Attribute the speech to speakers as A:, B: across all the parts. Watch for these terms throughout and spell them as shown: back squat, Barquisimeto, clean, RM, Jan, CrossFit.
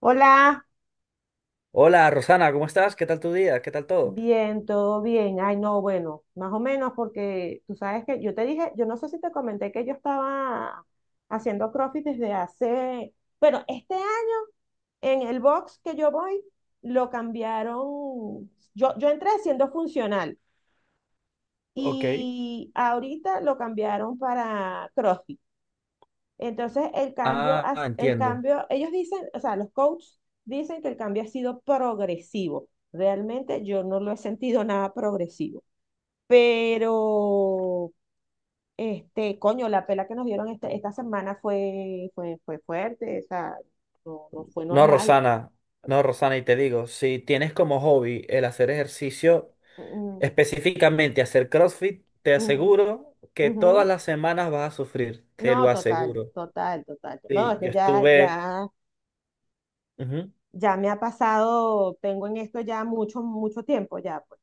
A: Hola,
B: Hola, Rosana, ¿cómo estás? ¿Qué tal tu día? ¿Qué tal todo?
A: bien, todo bien. Ay, no, bueno, más o menos porque tú sabes que yo te dije, yo no sé si te comenté que yo estaba haciendo CrossFit desde hace, bueno, este año en el box que yo voy lo cambiaron, yo entré siendo funcional
B: Ok.
A: y ahorita lo cambiaron para CrossFit. Entonces,
B: Ah,
A: el
B: entiendo.
A: cambio, ellos dicen, o sea, los coaches dicen que el cambio ha sido progresivo. Realmente yo no lo he sentido nada progresivo. Pero, este, coño, la pela que nos dieron esta semana fue fuerte, o sea, no, no fue
B: No,
A: normal.
B: Rosana, no, Rosana, y te digo, si tienes como hobby el hacer ejercicio,
A: Mm,
B: específicamente hacer CrossFit, te
A: mm,
B: aseguro que todas
A: ujú.
B: las semanas vas a sufrir, te
A: No,
B: lo
A: total,
B: aseguro.
A: total, total. No,
B: Sí,
A: es
B: yo
A: que ya,
B: estuve.
A: ya,
B: Ujú.
A: ya me ha pasado, tengo en esto ya mucho, mucho tiempo ya, pues.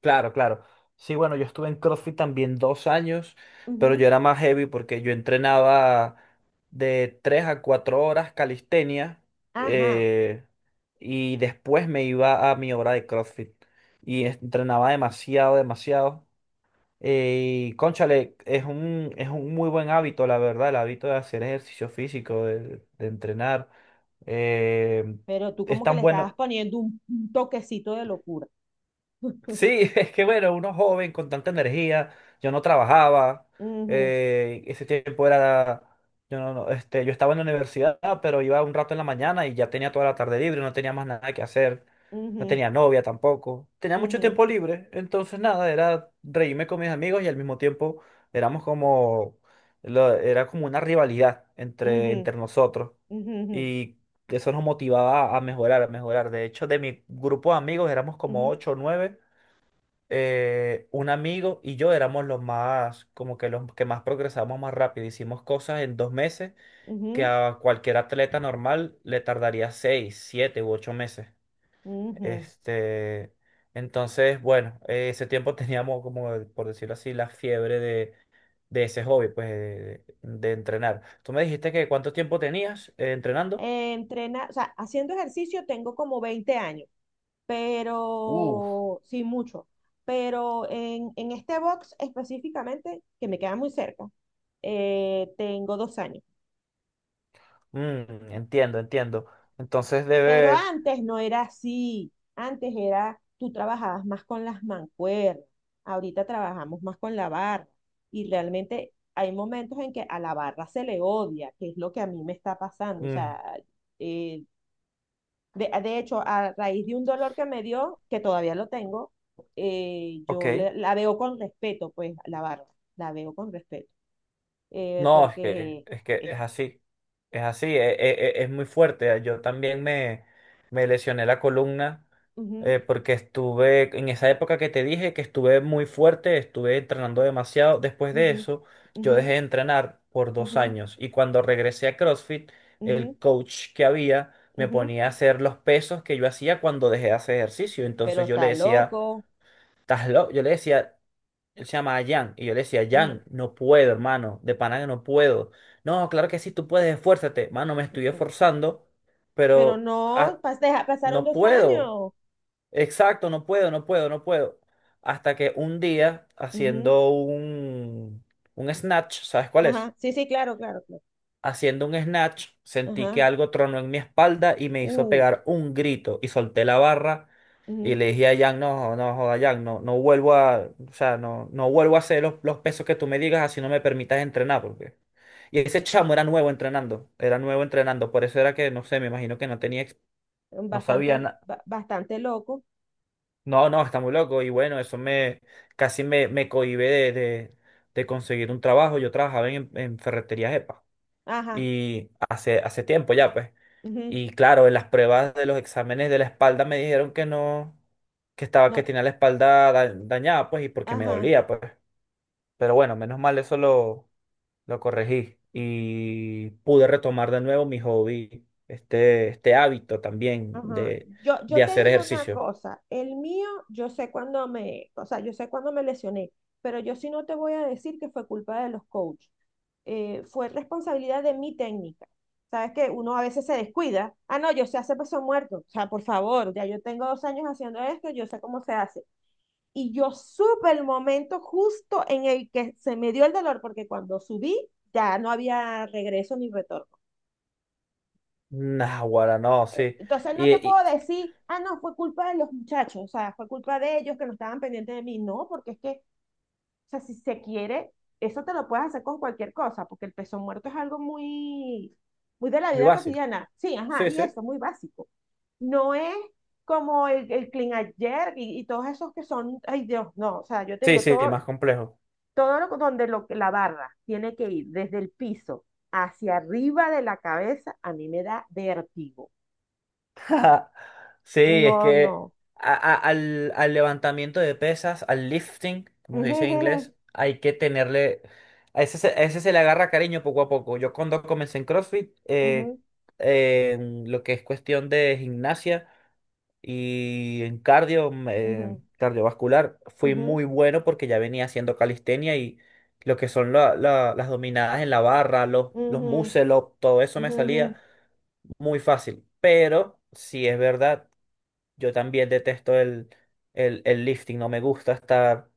B: Claro, claro. Sí, bueno, yo estuve en CrossFit también 2 años, pero
A: Ujú.
B: yo era más heavy porque yo entrenaba de 3 a 4 horas calistenia
A: Ajá.
B: eh, y después me iba a mi hora de CrossFit y entrenaba demasiado, demasiado. Y cónchale, es un muy buen hábito, la verdad, el hábito de hacer ejercicio físico, de entrenar. Eh,
A: Pero tú
B: es
A: como que
B: tan
A: le estabas
B: bueno.
A: poniendo un toquecito de locura.
B: Sí, es que bueno, uno joven con tanta energía, yo no trabajaba,
A: Ujú,
B: ese tiempo era, yo no, no, yo estaba en la universidad, pero iba un rato en la mañana y ya tenía toda la tarde libre, no tenía más nada que hacer, no
A: ujú,
B: tenía novia tampoco, tenía mucho
A: ujú,
B: tiempo libre, entonces nada, era reírme con mis amigos y al mismo tiempo éramos como, era como una rivalidad entre,
A: ujú,
B: entre nosotros
A: ujú,
B: y eso nos motivaba a mejorar, a mejorar. De hecho, de mi grupo de amigos éramos como
A: ujú,
B: ocho o nueve un amigo y yo éramos los más, como que los que más progresamos más rápido. Hicimos cosas en 2 meses que
A: ujú,
B: a cualquier atleta normal le tardaría 6, 7 u 8 meses.
A: ujú.
B: Este, entonces, bueno, ese tiempo teníamos, como por decirlo así, la fiebre de ese hobby, pues, de entrenar. Tú me dijiste que cuánto tiempo tenías entrenando.
A: O sea, haciendo ejercicio tengo como 20 años,
B: Uf,
A: pero sí mucho. Pero en este box específicamente, que me queda muy cerca, tengo 2 años.
B: entiendo, entiendo. Entonces
A: Pero
B: debes.
A: antes no era así. Antes era, tú trabajabas más con las mancuernas. Ahorita trabajamos más con la barra. Y realmente hay momentos en que a la barra se le odia, que es lo que a mí me está pasando. O
B: Mm.
A: sea, eh, de hecho, a raíz de un dolor que me dio, que todavía lo tengo,
B: Ok.
A: la veo con respeto, pues, a la barra. La veo con respeto. Eh,
B: No, es que,
A: porque
B: es que
A: es.
B: es así, es, muy fuerte. Yo también me lesioné la columna
A: Ujú,
B: porque estuve, en esa época que te dije que estuve muy fuerte, estuve entrenando demasiado. Después de
A: ujú,
B: eso, yo
A: ujú,
B: dejé de entrenar por dos
A: ujú,
B: años y cuando regresé a CrossFit, el coach que había me
A: ujú, ujú,
B: ponía a hacer los pesos que yo hacía cuando dejé de hacer ejercicio.
A: pero
B: Entonces yo le
A: está
B: decía,
A: loco.
B: ¿estás loco? Yo le decía. Él se llama Jan. Y yo le decía,
A: Mm,
B: Jan, no puedo, hermano. De pana que no puedo. No, claro que sí, tú puedes, esfuérzate. Mano, me
A: mm,
B: estoy
A: mm.
B: esforzando,
A: Pero
B: pero
A: no,
B: ah,
A: pasaron
B: no
A: dos
B: puedo.
A: años.
B: Exacto, no puedo, no puedo, no puedo. Hasta que un día,
A: Ujú,
B: haciendo un snatch, ¿sabes cuál es?
A: ajá, sí, sí, claro, claro, claro.
B: Haciendo un snatch, sentí que
A: Ajá,
B: algo tronó en mi espalda y me hizo
A: uh,
B: pegar un grito y solté la barra y
A: ujú.
B: le dije a Jan, no, no, joda, Jan, no, no vuelvo a, o sea, no, no vuelvo a hacer los pesos que tú me digas, así no me permitas entrenar, porque. Y ese chamo era nuevo entrenando, por eso era que, no sé, me imagino que no tenía, no sabía nada.
A: Bastante loco.
B: No, no, está muy loco y bueno, eso casi me cohíbe de conseguir un trabajo. Yo trabajaba en ferretería
A: Ajá,
B: y hace tiempo ya, pues.
A: ujú,
B: Y claro, en las pruebas de los exámenes de la espalda me dijeron que no, que estaba, que
A: no,
B: tenía la espalda dañada, pues, y porque me
A: ajá.
B: dolía, pues. Pero bueno, menos mal eso lo corregí y pude retomar de nuevo mi hobby, este hábito también
A: Ajá.
B: de,
A: Yo,
B: de
A: yo te
B: hacer
A: digo una
B: ejercicio.
A: cosa, el mío, yo sé cuándo me, o sea, yo sé cuándo me lesioné, pero yo sí no te voy a decir que fue culpa de los coaches. Fue responsabilidad de mi técnica. Sabes que uno a veces se descuida. Ah, no, yo sé hacer peso muerto. O sea, por favor, ya yo tengo 2 años haciendo esto, yo sé cómo se hace. Y yo supe el momento justo en el que se me dio el dolor, porque cuando subí ya no había regreso ni retorno.
B: Naguará, no, sí.
A: Entonces no
B: Y,
A: te puedo
B: y
A: decir, ah, no, fue culpa de los muchachos, o sea, fue culpa de ellos que no estaban pendientes de mí. No, porque es que, o sea, si se quiere, eso te lo puedes hacer con cualquier cosa, porque el peso muerto es algo muy, muy de la
B: muy
A: vida
B: básico.
A: cotidiana. Sí, ajá,
B: Sí,
A: y
B: sí.
A: eso, muy básico. No es como el clean ayer y todos esos que son, ay Dios, no, o sea, yo te
B: Sí,
A: digo,
B: sí,
A: todo,
B: más complejo.
A: todo lo, donde lo, la barra tiene que ir desde el piso hacia arriba de la cabeza, a mí me da vértigo.
B: Sí, es
A: No,
B: que
A: no.
B: al levantamiento de pesas, al lifting, como se dice en
A: Ujú,
B: inglés, hay que tenerle. A ese se le agarra cariño poco a poco. Yo cuando comencé en CrossFit,
A: ujú,
B: en lo que es cuestión de gimnasia y en cardio,
A: ujú,
B: cardiovascular, fui
A: ujú,
B: muy bueno porque ya venía haciendo calistenia y lo que son las dominadas en la barra, los
A: ujú,
B: muscle up, todo eso me
A: ujú, ujú.
B: salía muy fácil. Pero, si es verdad. Yo también detesto el lifting, no me gusta estar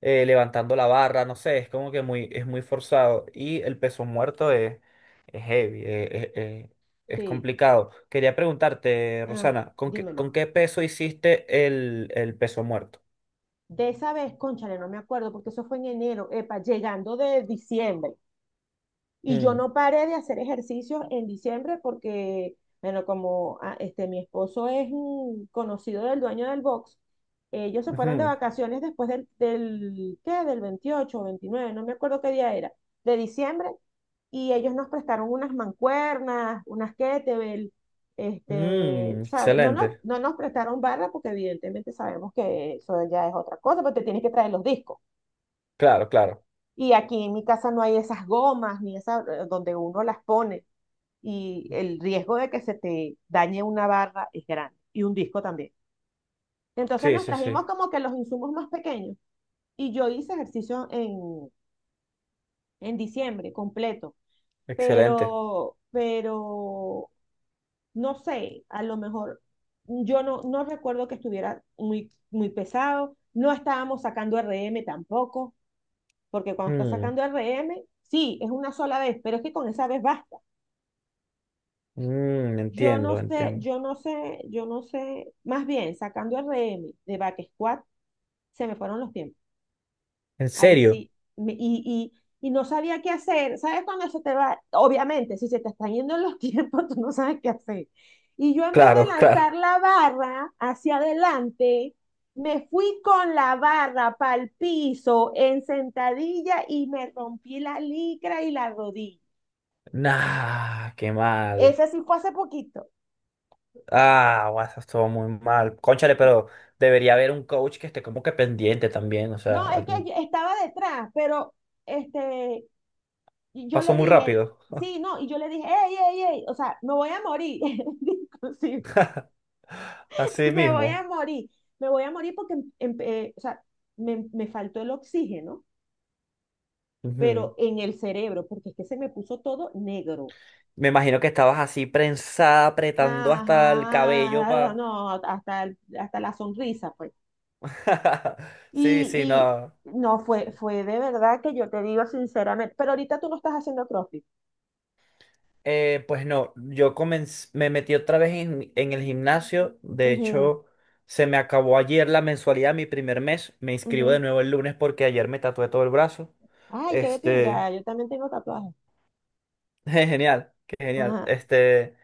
B: levantando la barra, no sé, es como que muy, es muy forzado. Y el peso muerto es heavy, es
A: Sí,
B: complicado. Quería preguntarte,
A: ah,
B: Rosana, ¿con qué,
A: dímelo.
B: con qué peso hiciste el peso muerto?
A: De esa vez, cónchale, no me acuerdo, porque eso fue en enero, epa, llegando de diciembre. Y yo
B: Mm,
A: no paré de hacer ejercicios en diciembre porque, bueno, como este, mi esposo es un conocido del dueño del box, ellos se fueron de
B: ujú.
A: vacaciones después ¿qué? Del 28 o 29, no me acuerdo qué día era, de diciembre, y ellos nos prestaron unas mancuernas, unas kettlebell, este,
B: Mm,
A: ¿sabe? No, no
B: excelente.
A: no nos prestaron barra porque evidentemente sabemos que eso ya es otra cosa, pero te tienes que traer los discos.
B: Claro, claro.
A: Y aquí en mi casa no hay esas gomas ni esa donde uno las pone y el riesgo de que se te dañe una barra es grande y un disco también. Entonces
B: Sí,
A: nos
B: sí, sí.
A: trajimos como que los insumos más pequeños y yo hice ejercicio en diciembre completo,
B: Excelente.
A: pero no sé, a lo mejor yo no recuerdo que estuviera muy, muy pesado, no estábamos sacando RM tampoco, porque cuando estás
B: Mm,
A: sacando RM, sí, es una sola vez, pero es que con esa vez basta.
B: mm,
A: Yo no
B: entiendo,
A: sé,
B: entiendo.
A: yo no sé, yo no sé, más bien sacando RM de back squat, se me fueron los tiempos.
B: ¿En
A: Ahí
B: serio?
A: sí. me- y, y, y no sabía qué hacer. ¿Sabes cuando se te va? Obviamente, si se te están yendo los tiempos, tú no sabes qué hacer. Y yo en vez de
B: Claro,
A: lanzar
B: claro.
A: la barra hacia adelante, me fui con la barra para el piso en sentadilla y me rompí la licra y la rodilla.
B: Nah, qué mal.
A: Ese sí fue hace poquito.
B: Ah, guau, eso estuvo muy mal. Cónchale,
A: Y-
B: pero debería haber un coach que esté como que pendiente también. O
A: No,
B: sea,
A: es que yo estaba detrás, pero este, y yo
B: pasó
A: le
B: muy
A: dije,
B: rápido.
A: sí, no, y yo le dije, ey, ey, ey, o sea, me voy a morir. Inclusive.
B: Así
A: Me voy a
B: mismo.
A: morir, me voy a morir porque, o sea, me faltó el oxígeno,
B: Ujú.
A: pero en el cerebro, porque es que se me puso todo negro.
B: Me imagino que estabas así prensada, apretando hasta el cabello
A: Ajá,
B: pa.
A: no, hasta, hasta la sonrisa, pues.
B: Sí, sí,
A: Y,
B: no.
A: y no, fue de verdad que yo te digo sinceramente, pero ahorita tú no estás haciendo CrossFit.
B: Pues no, yo comencé, me metí otra vez en el gimnasio. De
A: Ujú,
B: hecho, se me acabó ayer la mensualidad, mi primer mes. Me inscribo de
A: ujú.
B: nuevo el lunes porque ayer me tatué todo el brazo.
A: Ay, qué de
B: Este,
A: pinga, yo también tengo tatuajes.
B: qué genial, qué genial.
A: Ajá,
B: Este,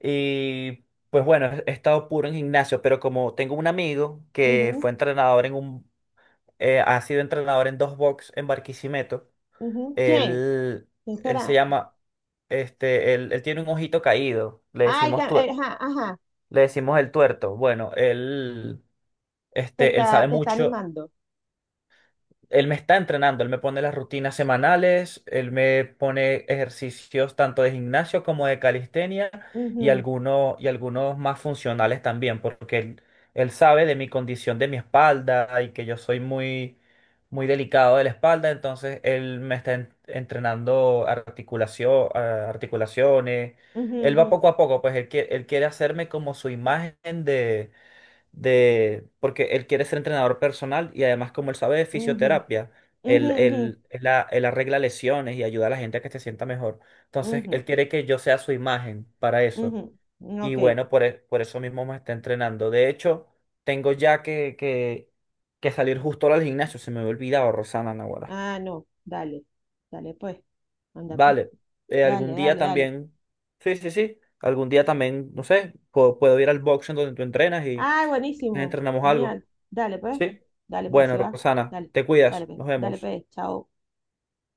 B: y pues bueno, he estado puro en gimnasio, pero como tengo un amigo que
A: ujú,
B: fue entrenador en un, ha sido entrenador en dos box en Barquisimeto,
A: ujú. ¿Quién?
B: él,
A: ¿Quién
B: él se
A: será?
B: llama, él tiene un ojito caído, le
A: Ay,
B: decimos tú.
A: ajá, ajá,
B: Le decimos el tuerto. Bueno, él,
A: te
B: este, él sabe
A: está, te está
B: mucho.
A: animando.
B: Él me está entrenando, él me pone las rutinas semanales, él me pone ejercicios tanto de gimnasio como de calistenia y algunos más funcionales también, porque él sabe de mi condición de mi espalda y que yo soy muy, muy delicado de la espalda, entonces él me está entrenando articulación, articulaciones.
A: Ujú,
B: Él
A: ujú,
B: va poco a poco, pues él quiere hacerme como su imagen de, porque él quiere ser entrenador personal y además como él sabe de fisioterapia,
A: ujú,
B: él,
A: ujú,
B: él, él a- él arregla lesiones y ayuda a la gente a que se sienta mejor. Entonces,
A: ujú,
B: él quiere que yo sea su imagen para
A: ujú,
B: eso.
A: ujú.
B: Y
A: Ok.
B: bueno, por eso mismo me está entrenando. De hecho, tengo ya que salir justo ahora al gimnasio, se me había olvidado, Rosana Naguará.
A: Ah, no. Dale. Dale, pues. Anda, pues.
B: Vale,
A: Dale,
B: algún día
A: dale, dale.
B: también, sí, sí, sí, algún día también, no sé, puedo ir al box en donde tú entrenas y
A: Ah, buenísimo.
B: entrenamos algo.
A: Genial. Dale, pues.
B: ¿Sí?
A: Dale, pues,
B: Bueno,
A: si va.
B: Rosana,
A: Dale.
B: te
A: Dale,
B: cuidas.
A: pues.
B: Nos
A: Dale,
B: vemos.
A: pues. Chao.